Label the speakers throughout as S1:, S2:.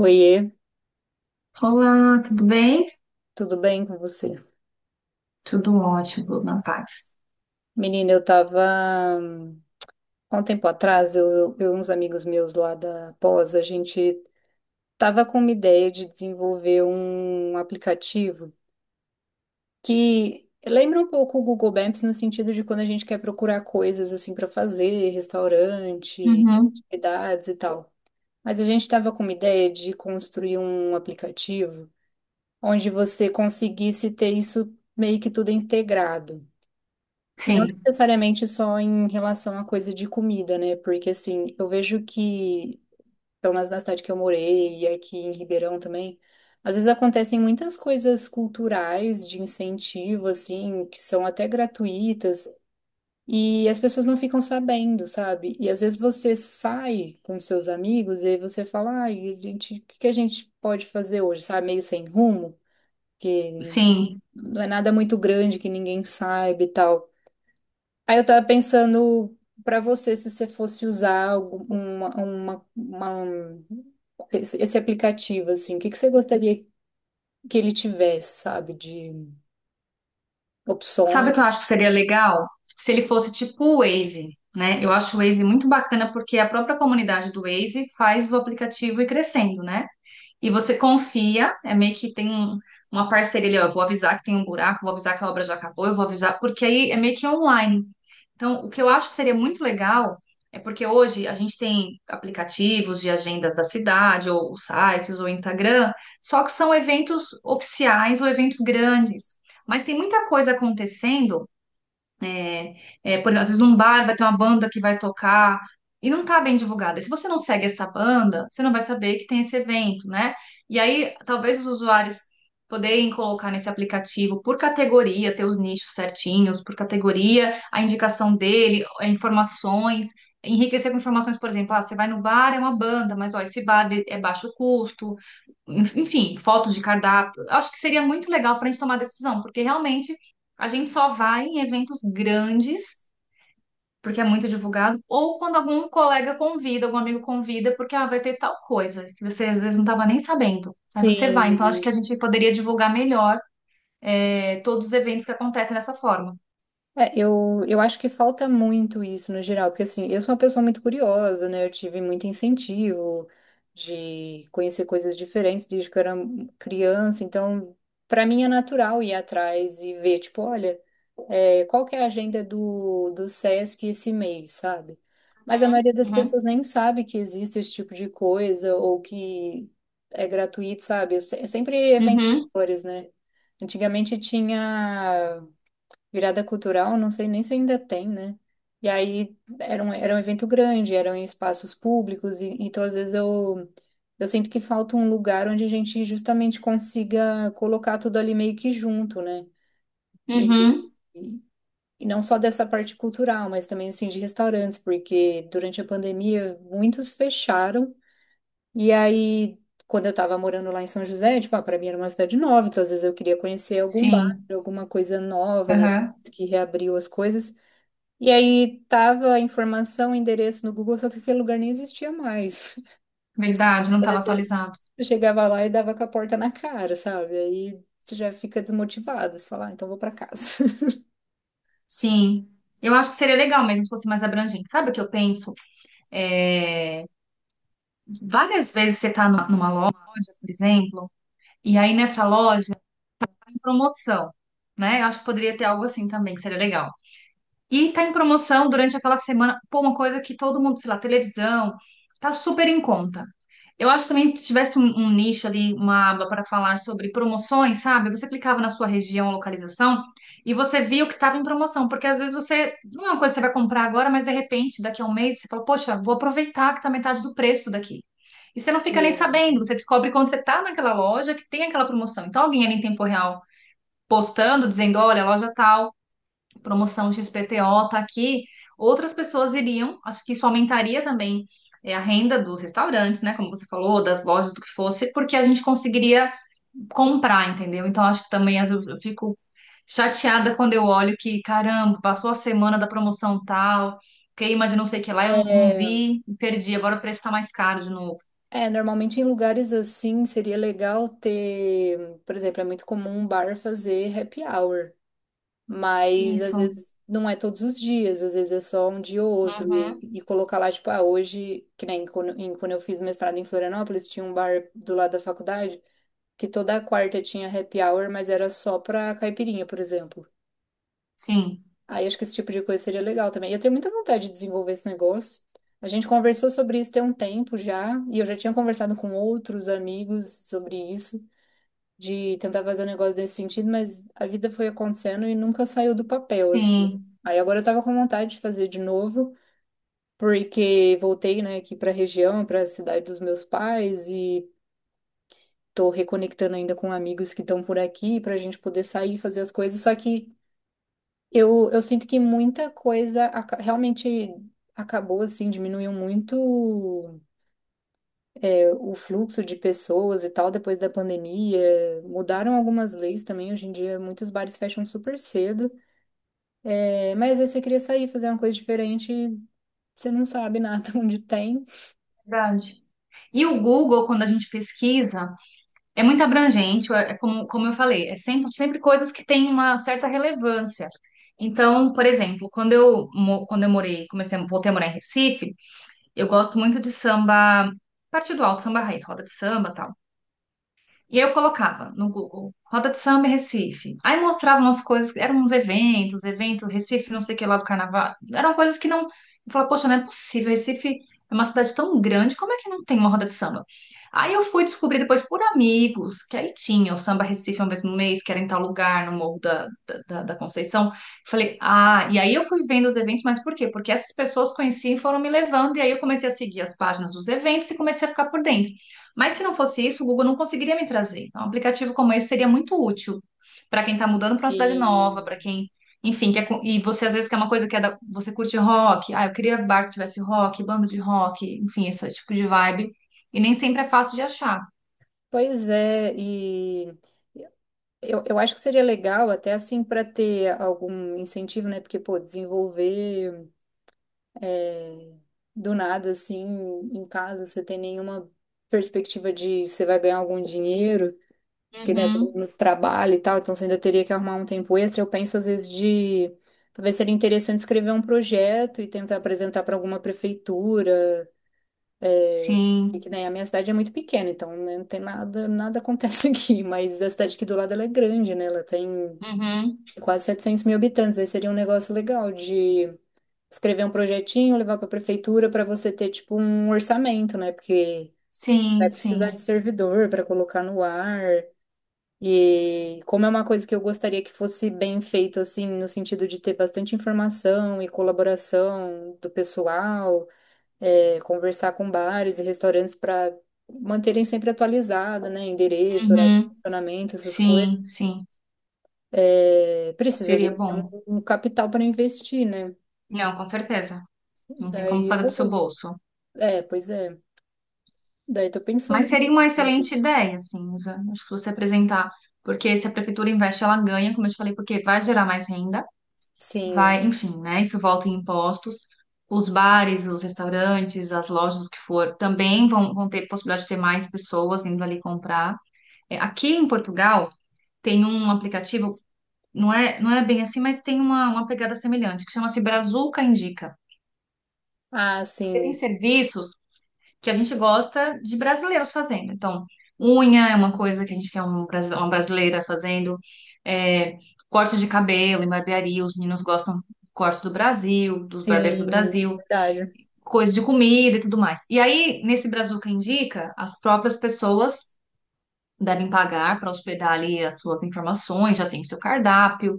S1: Oiê,
S2: Olá, tudo bem?
S1: tudo bem com você?
S2: Tudo ótimo, na paz.
S1: Menina, eu tava. hum, Há um tempo atrás, eu e uns amigos meus lá da pós, a gente tava com uma ideia de desenvolver um aplicativo que lembra um pouco o Google Maps no sentido de quando a gente quer procurar coisas assim para fazer, restaurante,
S2: Uhum.
S1: atividades e tal. Mas a gente estava com uma ideia de construir um aplicativo onde você conseguisse ter isso meio que tudo integrado. E não
S2: Sim,
S1: necessariamente só em relação à coisa de comida, né? Porque assim, eu vejo que, pelo menos na cidade que eu morei e aqui em Ribeirão também, às vezes acontecem muitas coisas culturais de incentivo, assim, que são até gratuitas, e as pessoas não ficam sabendo, sabe? E às vezes você sai com seus amigos e aí você fala, ai, a gente, o que que a gente pode fazer hoje, sabe? Meio sem rumo, que
S2: sim.
S1: não é nada muito grande que ninguém saiba e tal. Aí eu tava pensando pra você, se você fosse usar esse, esse aplicativo, assim, o que que você gostaria que ele tivesse, sabe, de
S2: Sabe
S1: opções?
S2: o que eu acho que seria legal? Se ele fosse tipo o Waze, né? Eu acho o Waze muito bacana porque a própria comunidade do Waze faz o aplicativo ir crescendo, né? E você confia, é meio que tem uma parceria ali, ó, eu vou avisar que tem um buraco, vou avisar que a obra já acabou, eu vou avisar, porque aí é meio que online. Então, o que eu acho que seria muito legal é porque hoje a gente tem aplicativos de agendas da cidade, ou sites, ou Instagram, só que são eventos oficiais ou eventos grandes. Mas tem muita coisa acontecendo é, é, por, às vezes num bar vai ter uma banda que vai tocar e não tá bem divulgada. E se você não segue essa banda, você não vai saber que tem esse evento, né? E aí, talvez os usuários poderem colocar nesse aplicativo por categoria, ter os nichos certinhos, por categoria, a indicação dele, informações, enriquecer com informações, por exemplo, ah, você vai no bar, é uma banda, mas ó, esse bar ele é baixo custo, enfim, fotos de cardápio. Acho que seria muito legal para a gente tomar decisão, porque realmente a gente só vai em eventos grandes, porque é muito divulgado, ou quando algum colega convida, algum amigo convida, porque ah, vai ter tal coisa que você às vezes não estava nem sabendo. Aí você vai. Então acho
S1: Sim.
S2: que a gente poderia divulgar melhor é, todos os eventos que acontecem dessa forma.
S1: É, eu acho que falta muito isso no geral, porque assim, eu sou uma pessoa muito curiosa, né? Eu tive muito incentivo de conhecer coisas diferentes desde que eu era criança, então para mim é natural ir atrás e ver, tipo, olha, qual que é a agenda do SESC esse mês, sabe? Mas a
S2: Uhum,
S1: maioria das
S2: uhum,
S1: pessoas nem sabe que existe esse tipo de coisa ou que é gratuito, sabe? É sempre eventos
S2: uhum,
S1: maiores, né? Antigamente tinha virada cultural, não sei nem se ainda tem, né? E aí era um evento grande, eram em espaços públicos, e então às vezes eu sinto que falta um lugar onde a gente justamente consiga colocar tudo ali meio que junto, né?
S2: uhum.
S1: E, e não só dessa parte cultural, mas também assim de restaurantes, porque durante a pandemia muitos fecharam. E aí, quando eu tava morando lá em São José, tipo, ah, para mim era uma cidade nova, então às vezes eu queria conhecer algum bar,
S2: Sim,
S1: alguma coisa nova, né,
S2: aham.
S1: que reabriu as coisas. E aí tava a informação, o endereço no Google, só que aquele lugar nem existia mais.
S2: Verdade, não
S1: Então,
S2: estava
S1: assim,
S2: atualizado.
S1: eu chegava lá e dava com a porta na cara, sabe? Aí você já fica desmotivado, você fala, ah, então vou pra casa.
S2: Sim. Eu acho que seria legal mesmo se fosse mais abrangente. Sabe o que eu penso? É, várias vezes você está numa loja, por exemplo, e aí nessa loja tá em promoção, né? Eu acho que poderia ter algo assim também, que seria legal. E tá em promoção durante aquela semana. Pô, uma coisa que todo mundo, sei lá, televisão, tá super em conta. Eu acho também que se tivesse um nicho ali, uma aba para falar sobre promoções, sabe? Você clicava na sua região, localização, e você via o que estava em promoção. Porque às vezes você, não é uma coisa que você vai comprar agora, mas de repente, daqui a um mês, você fala, poxa, vou aproveitar que tá metade do preço daqui. E você não fica nem sabendo, você descobre quando você tá naquela loja que tem aquela promoção. Então, alguém ali em tempo real postando, dizendo, olha, loja tal promoção XPTO tá aqui, outras pessoas iriam, acho que isso aumentaria também é, a renda dos restaurantes, né? Como você falou, das lojas, do que fosse, porque a gente conseguiria comprar, entendeu? Então acho que também às vezes eu fico chateada quando eu olho que, caramba, passou a semana da promoção tal, queima de não sei o que lá, eu não
S1: E
S2: vi, perdi, agora o preço tá mais caro de novo.
S1: é, normalmente em lugares assim seria legal ter, por exemplo, é muito comum um bar fazer happy hour, mas às
S2: Isso.
S1: vezes não é todos os dias, às vezes é só um dia ou outro,
S2: Uhum.
S1: e colocar lá, tipo, ah, hoje, que nem quando, quando eu fiz mestrado em Florianópolis, tinha um bar do lado da faculdade que toda quarta tinha happy hour, mas era só pra caipirinha, por exemplo.
S2: Sim,
S1: Aí acho que esse tipo de coisa seria legal também. Eu tenho muita vontade de desenvolver esse negócio. A gente conversou sobre isso tem um tempo já, e eu já tinha conversado com outros amigos sobre isso, de tentar fazer um negócio nesse sentido, mas a vida foi acontecendo e nunca saiu do papel, assim.
S2: sim,
S1: Aí agora eu tava com vontade de fazer de novo, porque voltei, né, aqui pra região, pra cidade dos meus pais, e tô reconectando ainda com amigos que estão por aqui pra gente poder sair e fazer as coisas, só que eu sinto que realmente acabou, assim, diminuiu muito é, o fluxo de pessoas e tal depois da pandemia. Mudaram algumas leis também. Hoje em dia, muitos bares fecham super cedo. É, mas aí você queria sair, fazer uma coisa diferente, você não sabe nada onde tem.
S2: verdade. E o Google, quando a gente pesquisa, é muito abrangente, é como eu falei, é sempre coisas que têm uma certa relevância. Então, por exemplo, quando eu morei, voltei a morar em Recife, eu gosto muito de samba, parte do alto, samba raiz, roda de samba, tal. E aí eu colocava no Google, roda de samba em Recife. Aí mostrava umas coisas, eram uns eventos, Recife, não sei o que lá do carnaval. Eram coisas que não. Eu falava, poxa, não é possível, Recife é uma cidade tão grande, como é que não tem uma roda de samba? Aí eu fui descobrir depois por amigos, que aí tinha o Samba Recife uma vez no mês, que era em tal lugar, no Morro da Conceição. Falei, ah, e aí eu fui vendo os eventos, mas por quê? Porque essas pessoas conheciam e foram me levando, e aí eu comecei a seguir as páginas dos eventos e comecei a ficar por dentro. Mas se não fosse isso, o Google não conseguiria me trazer. Então, um aplicativo como esse seria muito útil para quem está mudando para uma
S1: E
S2: cidade nova, para quem, enfim, e você às vezes quer uma coisa que é você curte rock, ah, eu queria bar que tivesse rock, banda de rock, enfim, esse tipo de vibe. E nem sempre é fácil de achar.
S1: pois é, e eu acho que seria legal até, assim, para ter algum incentivo, né? Porque, pô, desenvolver do nada, assim, em casa, você tem nenhuma perspectiva de você vai ganhar algum dinheiro, porque, né, todo
S2: Uhum,
S1: mundo trabalha e tal, então você ainda teria que arrumar um tempo extra. Eu penso, às vezes, de. Talvez seria interessante escrever um projeto e tentar apresentar para alguma prefeitura. E
S2: sim,
S1: que, né, a minha cidade é muito pequena, então né, não tem nada, nada acontece aqui. Mas a cidade aqui do lado ela é grande, né? Ela tem
S2: uhum,
S1: acho que quase 700 mil habitantes. Aí seria um negócio legal de escrever um projetinho, levar para a prefeitura para você ter tipo um orçamento, né? Porque vai
S2: sim,
S1: precisar
S2: sim,
S1: de servidor para colocar no ar. E como é uma coisa que eu gostaria que fosse bem feito, assim, no sentido de ter bastante informação e colaboração do pessoal, é, conversar com bares e restaurantes para manterem sempre atualizado, né? Endereço, horário de
S2: uhum,
S1: funcionamento, essas
S2: sim,
S1: coisas.
S2: sim.
S1: É, precisaria
S2: Seria
S1: ter
S2: bom.
S1: um, um capital para investir, né?
S2: Não, com certeza. Não tem como
S1: Daí eu
S2: fazer do seu
S1: vou.
S2: bolso.
S1: É, pois é. Daí tô pensando.
S2: Mas seria uma excelente ideia, assim, Isa. Acho que você apresentar, porque se a prefeitura investe, ela ganha, como eu te falei, porque vai gerar mais renda,
S1: Sim.
S2: vai, enfim, né? Isso volta em impostos. Os bares, os restaurantes, as lojas, o que for, também vão, vão ter possibilidade de ter mais pessoas indo ali comprar. É, aqui em Portugal tem um aplicativo, não é bem assim, mas tem uma pegada semelhante, que chama-se Brazuca Indica.
S1: Ah,
S2: Porque tem
S1: sim.
S2: serviços que a gente gosta de brasileiros fazendo. Então, unha é uma coisa que a gente quer uma brasileira fazendo, é, corte de cabelo em barbearia, os meninos gostam do corte do Brasil, dos barbeiros do
S1: Sim,
S2: Brasil,
S1: verdade.
S2: coisa de comida e tudo mais. E aí, nesse Brazuca Indica, as próprias pessoas devem pagar para hospedar ali as suas informações, já tem o seu cardápio,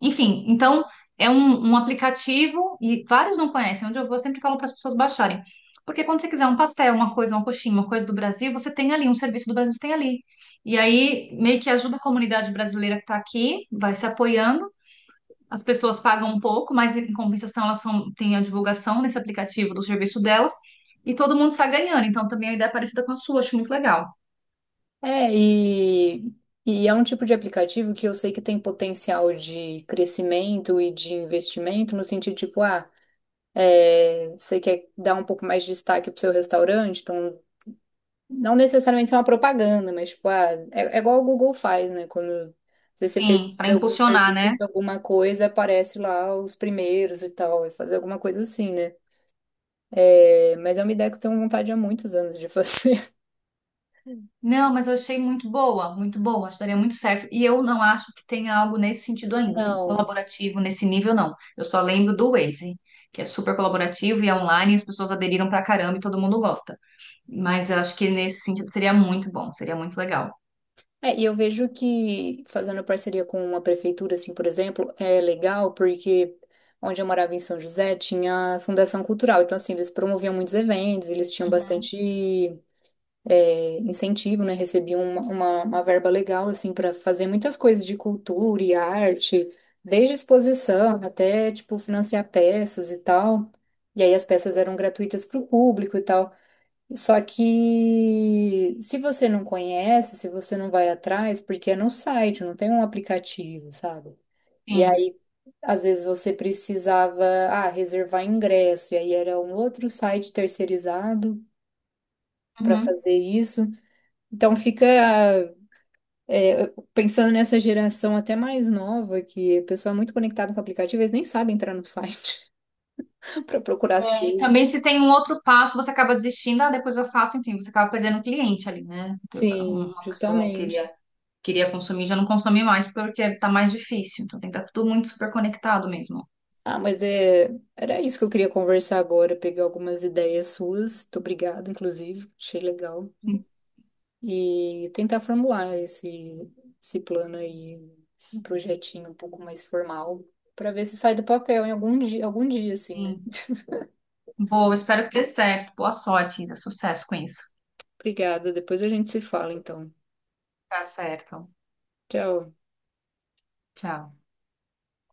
S2: enfim. Então, é um aplicativo e vários não conhecem. Onde eu vou, eu sempre falo para as pessoas baixarem. Porque quando você quiser um pastel, uma coisa, uma coxinha, uma coisa do Brasil, você tem ali, um serviço do Brasil você tem ali. E aí, meio que ajuda a comunidade brasileira que está aqui, vai se apoiando. As pessoas pagam um pouco, mas em compensação elas têm a divulgação nesse aplicativo do serviço delas. E todo mundo está ganhando. Então, também a ideia é parecida com a sua, acho muito legal.
S1: É, e é um tipo de aplicativo que eu sei que tem potencial de crescimento e de investimento, no sentido tipo, ah, é, você quer dar um pouco mais de destaque pro seu restaurante, então não necessariamente ser uma propaganda, mas tipo, ah, é, é igual o Google faz, né? Quando você pesquisa
S2: Sim, para
S1: algum
S2: impulsionar,
S1: serviço,
S2: né?
S1: alguma coisa, aparece lá os primeiros e tal, e fazer alguma coisa assim, né? É, mas é uma ideia que eu tenho vontade há muitos anos de fazer.
S2: Não, mas eu achei muito boa, acho que daria muito certo. E eu não acho que tenha algo nesse sentido ainda, assim,
S1: Não.
S2: colaborativo nesse nível, não. Eu só lembro do Waze, que é super colaborativo e é
S1: Sim.
S2: online, e as pessoas aderiram pra caramba e todo mundo gosta. Mas eu acho que nesse sentido seria muito bom, seria muito legal.
S1: É, e eu vejo que fazendo parceria com uma prefeitura, assim, por exemplo, é legal porque onde eu morava em São José tinha Fundação Cultural. Então, assim, eles promoviam muitos eventos, eles tinham
S2: Uhum.
S1: bastante é, incentivo, né? Recebiam uma verba legal, assim, para fazer muitas coisas de cultura e arte, desde exposição até, tipo, financiar peças e tal. E aí as peças eram gratuitas para o público e tal. Só que se você não conhece, se você não vai atrás, porque é no site, não tem um aplicativo, sabe? E
S2: Sim.
S1: aí, às vezes você precisava, ah, reservar ingresso, e aí era um outro site terceirizado para
S2: Uhum.
S1: fazer isso. Então fica, é, pensando nessa geração até mais nova, que o pessoal é muito conectada com o aplicativo, eles nem sabem entrar no site para procurar as
S2: É, e
S1: coisas.
S2: também se tem um outro passo, você acaba desistindo, ah, depois eu faço, enfim, você acaba perdendo um cliente ali, né? Então,
S1: Sim,
S2: uma pessoa
S1: justamente.
S2: queria, queria consumir, já não consome mais porque tá mais difícil. Então tem que estar tudo muito super conectado mesmo.
S1: Ah, mas é... era isso que eu queria conversar agora, pegar algumas ideias suas. Muito obrigada, inclusive. Achei legal. E tentar formular esse, esse plano aí, um projetinho um pouco mais formal, para ver se sai do papel em algum dia, assim, né?
S2: Sim. Boa, espero que dê certo. Boa sorte, Isa. Sucesso com isso.
S1: Obrigada. Depois a gente se fala, então.
S2: Tá certo.
S1: Tchau.
S2: Tchau.